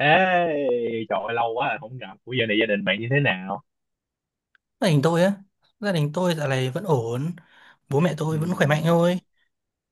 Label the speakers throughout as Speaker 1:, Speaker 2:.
Speaker 1: Ê, trời ơi, lâu quá rồi không gặp. Ủa giờ này gia đình bạn như thế nào?
Speaker 2: Gia đình tôi á, gia đình tôi dạo này vẫn ổn, bố mẹ tôi vẫn khỏe mạnh
Speaker 1: Ừm,
Speaker 2: thôi.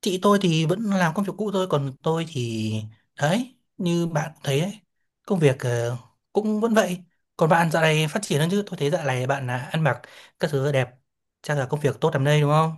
Speaker 2: Chị tôi thì vẫn làm công việc cũ thôi, còn tôi thì đấy, như bạn thấy đấy, công việc cũng vẫn vậy. Còn bạn dạo này phát triển hơn chứ? Tôi thấy dạo này bạn là ăn mặc các thứ đẹp, chắc là công việc tốt lắm đây, đúng không?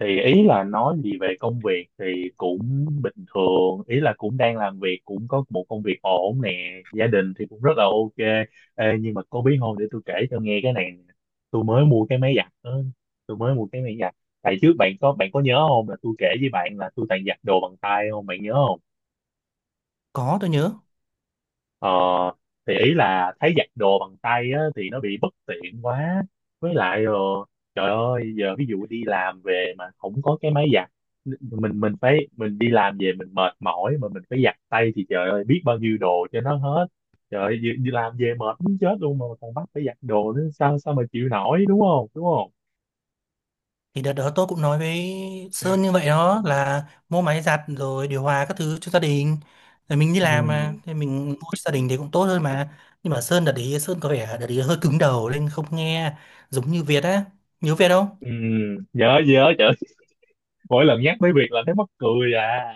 Speaker 1: Thì ý là nói gì về công việc thì cũng bình thường. Ý là cũng đang làm việc, cũng có một công việc ổn nè. Gia đình thì cũng rất là ok. Ê, nhưng mà có biết không, để tôi kể cho nghe cái này nè. Tôi mới mua cái máy giặt đó. Tôi mới mua cái máy giặt. Tại trước bạn có nhớ không, là tôi kể với bạn là tôi toàn giặt đồ bằng tay không? Bạn nhớ không?
Speaker 2: Có, tôi nhớ.
Speaker 1: Ờ, thì ý là thấy giặt đồ bằng tay á, thì nó bị bất tiện quá, với lại rồi trời ơi, giờ ví dụ đi làm về mà không có cái máy giặt, mình đi làm về mình mệt mỏi mà mình phải giặt tay thì trời ơi, biết bao nhiêu đồ cho nó hết. Trời ơi, đi làm về mệt muốn chết luôn mà còn bắt phải giặt đồ nữa, sao sao mà chịu nổi, đúng không đúng không?
Speaker 2: Thì đợt đó tôi cũng nói với Sơn như vậy đó, là mua máy giặt rồi điều hòa các thứ cho gia đình. Rồi mình đi làm mà,
Speaker 1: Ừ,
Speaker 2: thì mình mua cho gia đình thì cũng tốt hơn mà. Nhưng mà Sơn đợt đấy, Sơn có vẻ đợt đấy hơi cứng đầu nên không nghe, giống như Việt á. Nhớ Việt không?
Speaker 1: ừ, nhớ nhớ, trời ơi, mỗi lần nhắc tới việc là thấy mắc cười à.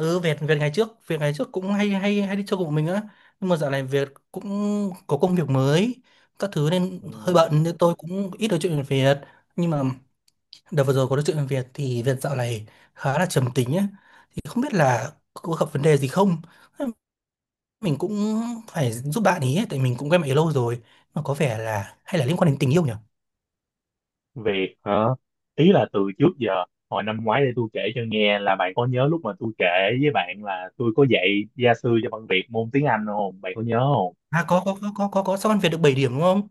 Speaker 2: Ừ, Việt, Việt ngày trước cũng hay hay hay đi chơi cùng mình á. Nhưng mà dạo này Việt cũng có công việc mới, các thứ nên hơi
Speaker 1: Ừ.
Speaker 2: bận nên tôi cũng ít nói chuyện với Việt. Nhưng mà đợt vừa rồi có nói chuyện với Việt thì Việt dạo này khá là trầm tính á, không biết là có gặp vấn đề gì không. Mình cũng phải giúp bạn ý, tại mình cũng quen bạn ấy lâu rồi, mà có vẻ là hay là liên quan đến tình yêu nhỉ.
Speaker 1: Việc hả? Ý là từ trước giờ, hồi năm ngoái, để tôi kể cho nghe là bạn có nhớ lúc mà tôi kể với bạn là tôi có dạy gia sư cho bằng Việt môn tiếng Anh không? Bạn có nhớ không?
Speaker 2: À có, có. Sao ăn Việt được 7 điểm đúng không?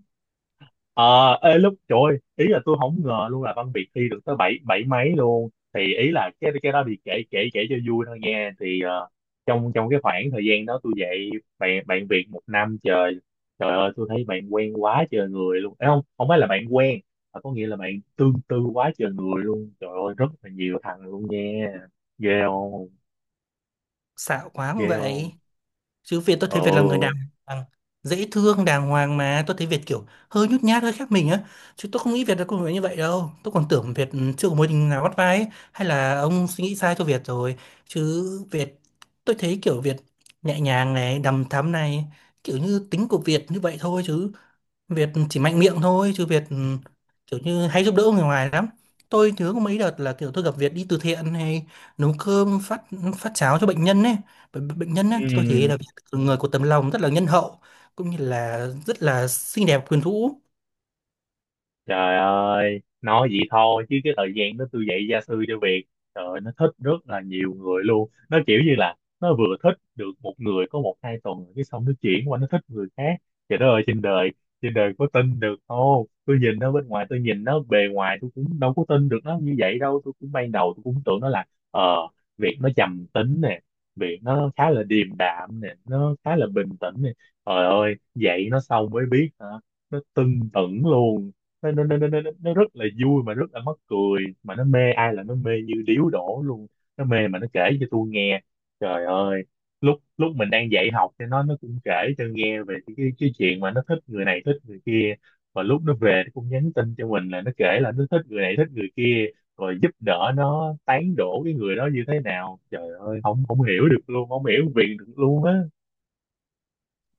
Speaker 1: Ờ, ê, lúc trời ơi, ý là tôi không ngờ luôn là Văn Việt thi được tới bảy bảy mấy luôn, thì ý là cái đó thì kể kể kể cho vui thôi nha, thì trong trong cái khoảng thời gian đó tôi dạy bạn bạn Việt 1 năm trời, trời ơi tôi thấy bạn quen quá trời người luôn. Ê, không không phải là bạn quen mà có nghĩa là bạn tương tư quá trời người luôn, trời ơi, rất là nhiều thằng luôn nha. Ghê không?
Speaker 2: Xạo quá không
Speaker 1: Ghê
Speaker 2: vậy.
Speaker 1: không?
Speaker 2: Chứ Việt, tôi thấy Việt là người đàng hoàng, dễ thương, đàng hoàng mà. Tôi thấy Việt kiểu hơi nhút nhát, hơi khác mình á. Chứ tôi không nghĩ Việt là con người như vậy đâu. Tôi còn tưởng Việt chưa có mối tình nào bắt vai ấy. Hay là ông suy nghĩ sai cho Việt rồi. Chứ Việt, tôi thấy kiểu Việt nhẹ nhàng này, đằm thắm này. Kiểu như tính của Việt như vậy thôi chứ. Việt chỉ mạnh miệng thôi chứ Việt kiểu như hay giúp đỡ người ngoài lắm. Tôi nhớ có mấy đợt là kiểu tôi gặp Việt đi từ thiện hay nấu cơm phát phát cháo cho bệnh nhân ấy, bệnh nhân ấy, tôi thấy
Speaker 1: Ừ.
Speaker 2: là Việt người có tấm lòng rất là nhân hậu, cũng như là rất là xinh đẹp quyến rũ.
Speaker 1: Trời ơi, nói vậy thôi chứ cái thời gian đó tôi dạy gia sư cho Việt, trời ơi, nó thích rất là nhiều người luôn. Nó kiểu như là nó vừa thích được một người có 1 2 tuần rồi cái xong nó chuyển qua nó thích người khác. Trời đất ơi, trên đời có tin được không? Tôi nhìn nó bên ngoài, tôi nhìn nó bề ngoài, tôi cũng đâu có tin được nó như vậy đâu. Tôi cũng ban đầu tôi cũng tưởng nó là ờ Việt nó trầm tính nè, Việt nó khá là điềm đạm nè, nó khá là bình tĩnh nè. Trời ơi, dạy nó xong mới biết hả? Nó tưng tửng luôn, nó rất là vui mà rất là mắc cười, mà nó mê ai là nó mê như điếu đổ luôn. Nó mê mà nó kể cho tôi nghe, trời ơi, lúc lúc mình đang dạy học cho nó cũng kể cho nghe về cái chuyện mà nó thích người này thích người kia, và lúc nó về nó cũng nhắn tin cho mình, là nó kể là nó thích người này thích người kia rồi giúp đỡ nó tán đổ cái người đó như thế nào. Trời ơi, không không hiểu được luôn, không hiểu việc được luôn á.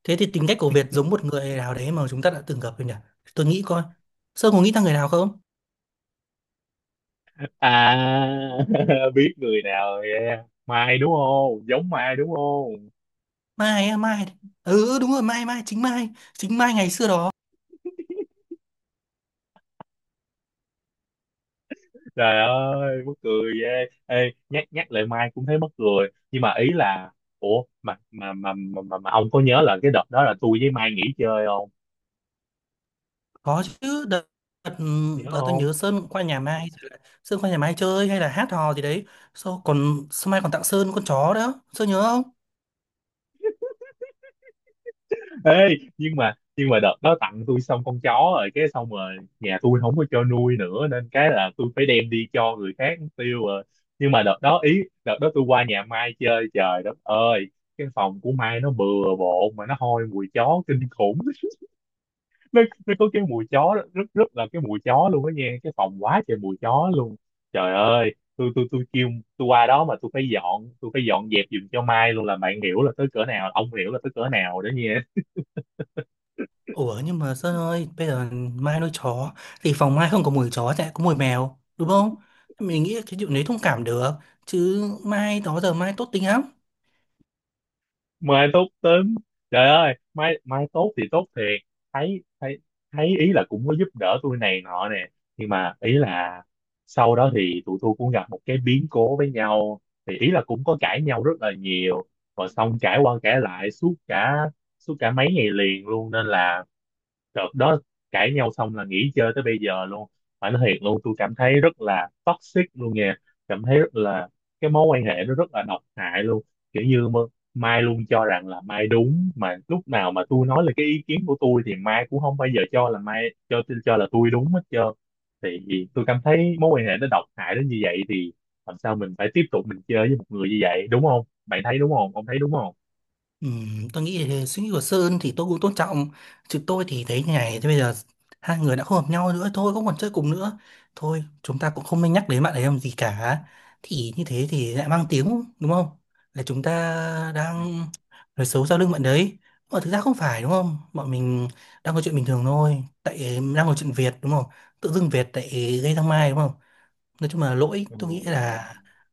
Speaker 2: Thế thì tính cách của Việt giống một người nào đấy mà chúng ta đã từng gặp rồi nhỉ. Tôi nghĩ coi, Sơn có nghĩ ra người nào không?
Speaker 1: À, biết người nào rồi, yeah. Mai đúng không? Giống Mai đúng không?
Speaker 2: Mai á, Mai, ừ đúng rồi, Mai, chính Mai chính Mai ngày xưa đó.
Speaker 1: Trời ơi, mắc cười ghê. Ê, nhắc nhắc lại Mai cũng thấy mắc cười. Nhưng mà ý là, ủa mà, ông có nhớ là cái đợt đó là tôi với Mai nghỉ chơi không?
Speaker 2: Có chứ, đợt,
Speaker 1: Nhớ
Speaker 2: đợt tôi
Speaker 1: không?
Speaker 2: nhớ Sơn cũng qua nhà Mai, rồi là Sơn qua nhà Mai chơi hay là hát hò gì đấy. Sau còn sau Mai còn tặng Sơn con chó đó, Sơn nhớ không?
Speaker 1: Ê, nhưng mà đợt đó tặng tôi xong con chó rồi cái xong rồi nhà tôi không có cho nuôi nữa, nên cái là tôi phải đem đi cho người khác tiêu rồi. Nhưng mà đợt đó, ý đợt đó tôi qua nhà Mai chơi, trời đất ơi, cái phòng của Mai nó bừa bộn mà nó hôi mùi chó kinh khủng. Nó có cái mùi chó đó, rất rất là cái mùi chó luôn đó nha, cái phòng quá trời mùi chó luôn. Trời ơi, tôi kêu, tôi qua đó mà tôi phải dọn, tôi phải dọn dẹp giùm cho Mai luôn, là bạn hiểu là tới cỡ nào, ông hiểu là tới cỡ nào đó nha.
Speaker 2: Ủa nhưng mà Sơn ơi, bây giờ Mai nuôi chó thì phòng Mai không có mùi chó chạy có mùi mèo, đúng không? Mình nghĩ là cái chuyện đấy thông cảm được, chứ Mai đó giờ Mai tốt tính lắm.
Speaker 1: Mai tốt tính. Trời ơi, mai mai tốt thì tốt thiệt, thấy thấy thấy ý là cũng có giúp đỡ tôi này nọ nè, nhưng mà ý là sau đó thì tụi tôi cũng gặp một cái biến cố với nhau, thì ý là cũng có cãi nhau rất là nhiều, và xong cãi qua cãi lại suốt cả mấy ngày liền luôn, nên là đợt đó cãi nhau xong là nghỉ chơi tới bây giờ luôn. Phải nói thiệt luôn, tôi cảm thấy rất là toxic luôn nha, cảm thấy rất là cái mối quan hệ nó rất là độc hại luôn, kiểu như mà- Mai luôn cho rằng là Mai đúng, mà lúc nào mà tôi nói là cái ý kiến của tôi thì Mai cũng không bao giờ cho là Mai cho là tôi đúng hết trơn. Thì tôi cảm thấy mối quan hệ nó độc hại đến như vậy thì làm sao mình phải tiếp tục mình chơi với một người như vậy, đúng không, bạn thấy đúng không, ông thấy đúng không?
Speaker 2: Tôi nghĩ là suy nghĩ của Sơn thì tôi cũng tôn trọng, chứ tôi thì thấy như này. Thế bây giờ hai người đã không hợp nhau nữa thôi, không còn chơi cùng nữa thôi, chúng ta cũng không nên nhắc đến bạn ấy làm gì cả. Thì như thế thì lại mang tiếng đúng không, là chúng ta đang nói xấu sau lưng bạn đấy, mà thực ra không phải đúng không. Bọn mình đang có chuyện bình thường thôi, tại đang có chuyện Việt đúng không, tự dưng Việt lại gây ra Mai đúng không. Nói chung là lỗi
Speaker 1: Ừ.
Speaker 2: tôi nghĩ là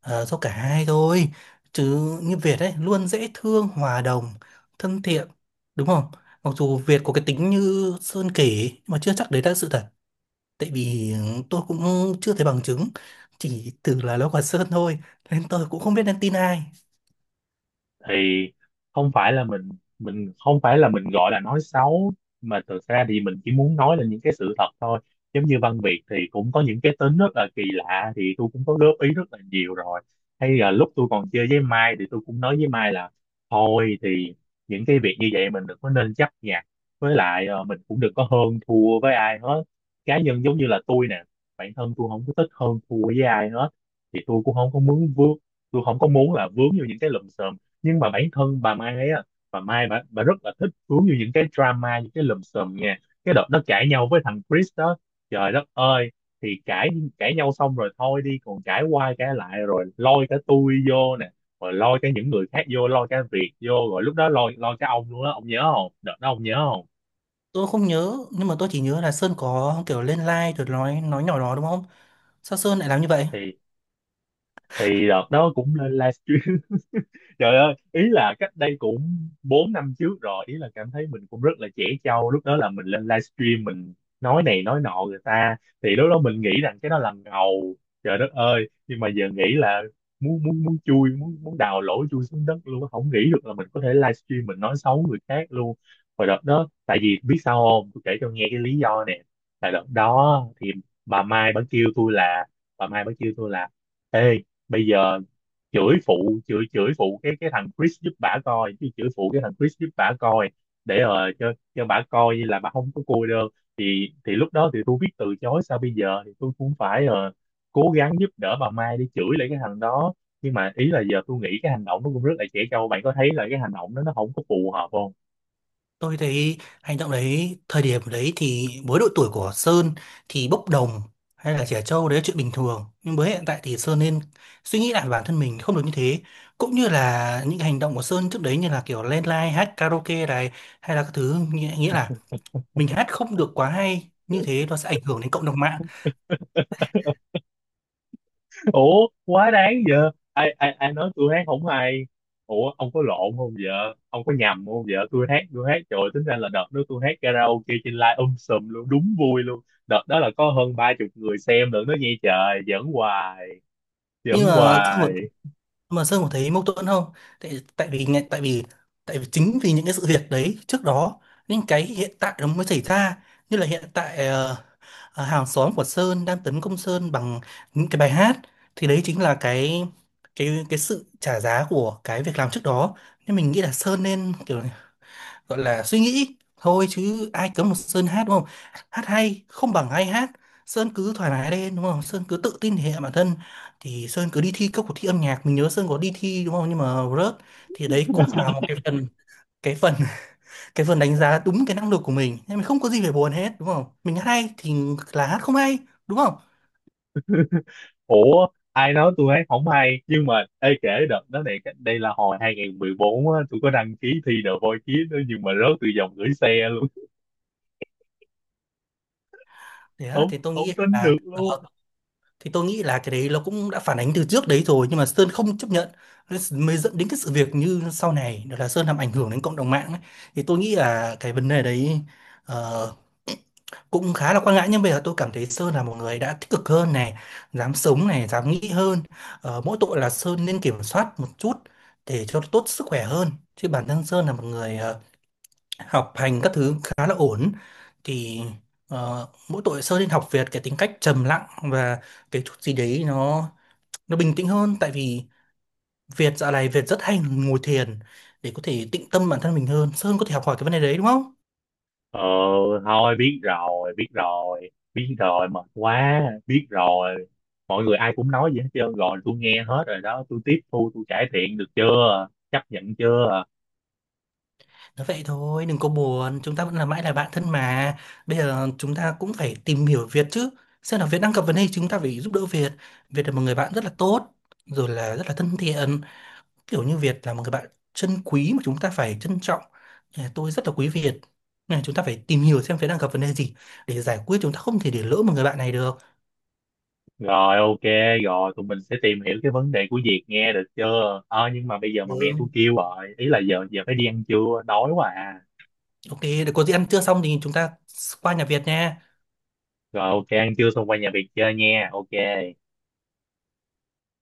Speaker 2: do cả hai thôi. Chứ như Việt ấy luôn dễ thương, hòa đồng, thân thiện, đúng không? Mặc dù Việt có cái tính như Sơn kể nhưng mà chưa chắc đấy là sự thật, tại vì tôi cũng chưa thấy bằng chứng, chỉ từ là nó của Sơn thôi, nên tôi cũng không biết nên tin ai.
Speaker 1: Thì không phải là mình không phải là mình gọi là nói xấu, mà thực ra thì mình chỉ muốn nói là những cái sự thật thôi. Giống như Văn Việt thì cũng có những cái tính rất là kỳ lạ thì tôi cũng có góp ý rất là nhiều rồi, hay là lúc tôi còn chơi với Mai thì tôi cũng nói với Mai là thôi thì những cái việc như vậy mình đừng có nên chấp nhặt, với lại mình cũng đừng có hơn thua với ai hết. Cá nhân giống như là tôi nè, bản thân tôi không có thích hơn thua với ai hết, thì tôi cũng không có muốn vướng, tôi không có muốn là vướng vô những cái lùm xùm. Nhưng mà bản thân bà Mai ấy á, bà Mai bà rất là thích cuốn vô những cái drama, những cái lùm xùm nha. Cái đợt nó cãi nhau với thằng Chris đó, trời đất ơi, thì cãi cãi nhau xong rồi thôi đi, còn cãi qua cãi lại rồi lôi cả tôi vô nè, rồi lôi cả những người khác vô, lôi cả Việt vô, rồi lúc đó lôi lôi cả ông luôn á, ông nhớ không, đợt đó ông nhớ không?
Speaker 2: Tôi không nhớ, nhưng mà tôi chỉ nhớ là Sơn có kiểu lên live rồi nói nhỏ đó đúng không? Sao Sơn lại làm như vậy?
Speaker 1: Thì thì đợt đó cũng lên livestream trời ơi, ý là cách đây cũng 4 năm trước rồi, ý là cảm thấy mình cũng rất là trẻ trâu, lúc đó là mình lên livestream mình nói này nói nọ người ta, thì lúc đó mình nghĩ rằng cái đó là ngầu. Trời đất ơi, nhưng mà giờ nghĩ là muốn muốn muốn chui muốn muốn đào lỗ chui xuống đất luôn á. Không nghĩ được là mình có thể livestream mình nói xấu người khác luôn. Và đợt đó tại vì biết sao không, tôi kể cho nghe cái lý do nè. Tại đợt đó thì bà Mai bà kêu tôi là, bà Mai bà kêu tôi là, ê, bây giờ chửi phụ, chửi chửi phụ cái thằng Chris giúp bả coi, chứ chửi phụ cái thằng Chris giúp bả coi, để cho bả coi như là bà không có cô đơn. Thì lúc đó thì tôi biết từ chối sao bây giờ, thì tôi cũng phải cố gắng giúp đỡ bà Mai để chửi lại cái thằng đó. Nhưng mà ý là giờ tôi nghĩ cái hành động nó cũng rất là trẻ trâu, bạn có thấy là cái hành động đó nó không có phù hợp không?
Speaker 2: Tôi thấy hành động đấy, thời điểm đấy thì với độ tuổi của Sơn thì bốc đồng hay là trẻ trâu đấy là chuyện bình thường. Nhưng với hiện tại thì Sơn nên suy nghĩ lại, bản thân mình không được như thế. Cũng như là những hành động của Sơn trước đấy như là kiểu lên live hát karaoke này hay là các thứ, nghĩa là mình hát không được quá hay như thế nó sẽ ảnh hưởng đến cộng đồng mạng.
Speaker 1: Ủa quá đáng vợ, ai ai ai nói tôi hát không hay? Ủa ông có lộn không vợ, ông có nhầm không vợ, tôi hát, tôi hát trời, tính ra là đợt đó tôi hát karaoke trên live sùm luôn, đúng vui luôn. Đợt đó là có hơn 30 người xem nữa, nó nghe, trời, giỡn hoài,
Speaker 2: Nhưng
Speaker 1: giỡn
Speaker 2: mà Sơn có,
Speaker 1: hoài.
Speaker 2: mà Sơn có thấy mâu thuẫn không? Tại, tại vì tại vì tại vì chính vì những cái sự việc đấy trước đó, những cái hiện tại nó mới xảy ra. Như là hiện tại hàng xóm của Sơn đang tấn công Sơn bằng những cái bài hát, thì đấy chính là cái sự trả giá của cái việc làm trước đó. Nên mình nghĩ là Sơn nên kiểu gọi là suy nghĩ thôi, chứ ai cấm một Sơn hát đúng không? Hát hay không bằng ai hát, Sơn cứ thoải mái lên đúng không, Sơn cứ tự tin thể hiện bản thân. Thì Sơn cứ đi thi các cuộc thi âm nhạc, mình nhớ Sơn có đi thi đúng không, nhưng mà rớt. Thì đấy cũng là một cái phần cái phần đánh giá đúng cái năng lực của mình, nên mình không có gì phải buồn hết đúng không. Mình hát hay thì là hát, không hay đúng không.
Speaker 1: Ủa ai nói tôi hát không hay? Nhưng mà ê, kể đợt đó này, đây là hồi 2014 á, tôi có đăng ký thi The Voice Kids đó, nhưng mà rớt từ vòng gửi xe luôn.
Speaker 2: Thế á,
Speaker 1: Không không tin được luôn.
Speaker 2: thì tôi nghĩ là cái đấy nó cũng đã phản ánh từ trước đấy rồi, nhưng mà Sơn không chấp nhận. Nên mới dẫn đến cái sự việc như sau này đó là Sơn làm ảnh hưởng đến cộng đồng mạng ấy. Thì tôi nghĩ là cái vấn đề đấy ờ, cũng khá là quan ngại, nhưng bây giờ tôi cảm thấy Sơn là một người đã tích cực hơn này, dám sống này, dám nghĩ hơn. Ờ, mỗi tội là Sơn nên kiểm soát một chút để cho tốt sức khỏe hơn. Chứ bản thân Sơn là một người học hành các thứ khá là ổn. Thì ờ, mỗi tội Sơn nên học Việt cái tính cách trầm lặng, và cái chút gì đấy nó bình tĩnh hơn. Tại vì Việt dạo này Việt rất hay ngồi thiền để có thể tịnh tâm bản thân mình hơn. Sơn có thể học hỏi cái vấn đề đấy đúng không?
Speaker 1: Ờ thôi biết rồi, biết rồi, biết rồi, mệt quá, biết rồi. Mọi người ai cũng nói vậy hết trơn rồi, tôi nghe hết rồi đó, tôi tiếp thu, tôi cải thiện được chưa? Chấp nhận chưa?
Speaker 2: Nói vậy thôi, đừng có buồn, chúng ta vẫn là mãi là bạn thân mà. Bây giờ chúng ta cũng phải tìm hiểu Việt chứ. Xem là Việt đang gặp vấn đề, chúng ta phải giúp đỡ Việt. Việt là một người bạn rất là tốt, rồi là rất là thân thiện. Kiểu như Việt là một người bạn chân quý mà chúng ta phải trân trọng. Nhà tôi rất là quý Việt. Nên là chúng ta phải tìm hiểu xem Việt đang gặp vấn đề gì để giải quyết, chúng ta không thể để lỡ một người bạn này được.
Speaker 1: Rồi ok, rồi tụi mình sẽ tìm hiểu cái vấn đề của Việt nghe được chưa? Ờ nhưng mà bây giờ mà mẹ
Speaker 2: Ừ.
Speaker 1: tôi kêu rồi, ý là giờ giờ phải đi ăn trưa, đói quá à.
Speaker 2: Ok, để có gì ăn trưa xong thì chúng ta qua nhà Việt nha.
Speaker 1: Rồi ok, ăn trưa xong qua nhà Việt chơi nha, ok.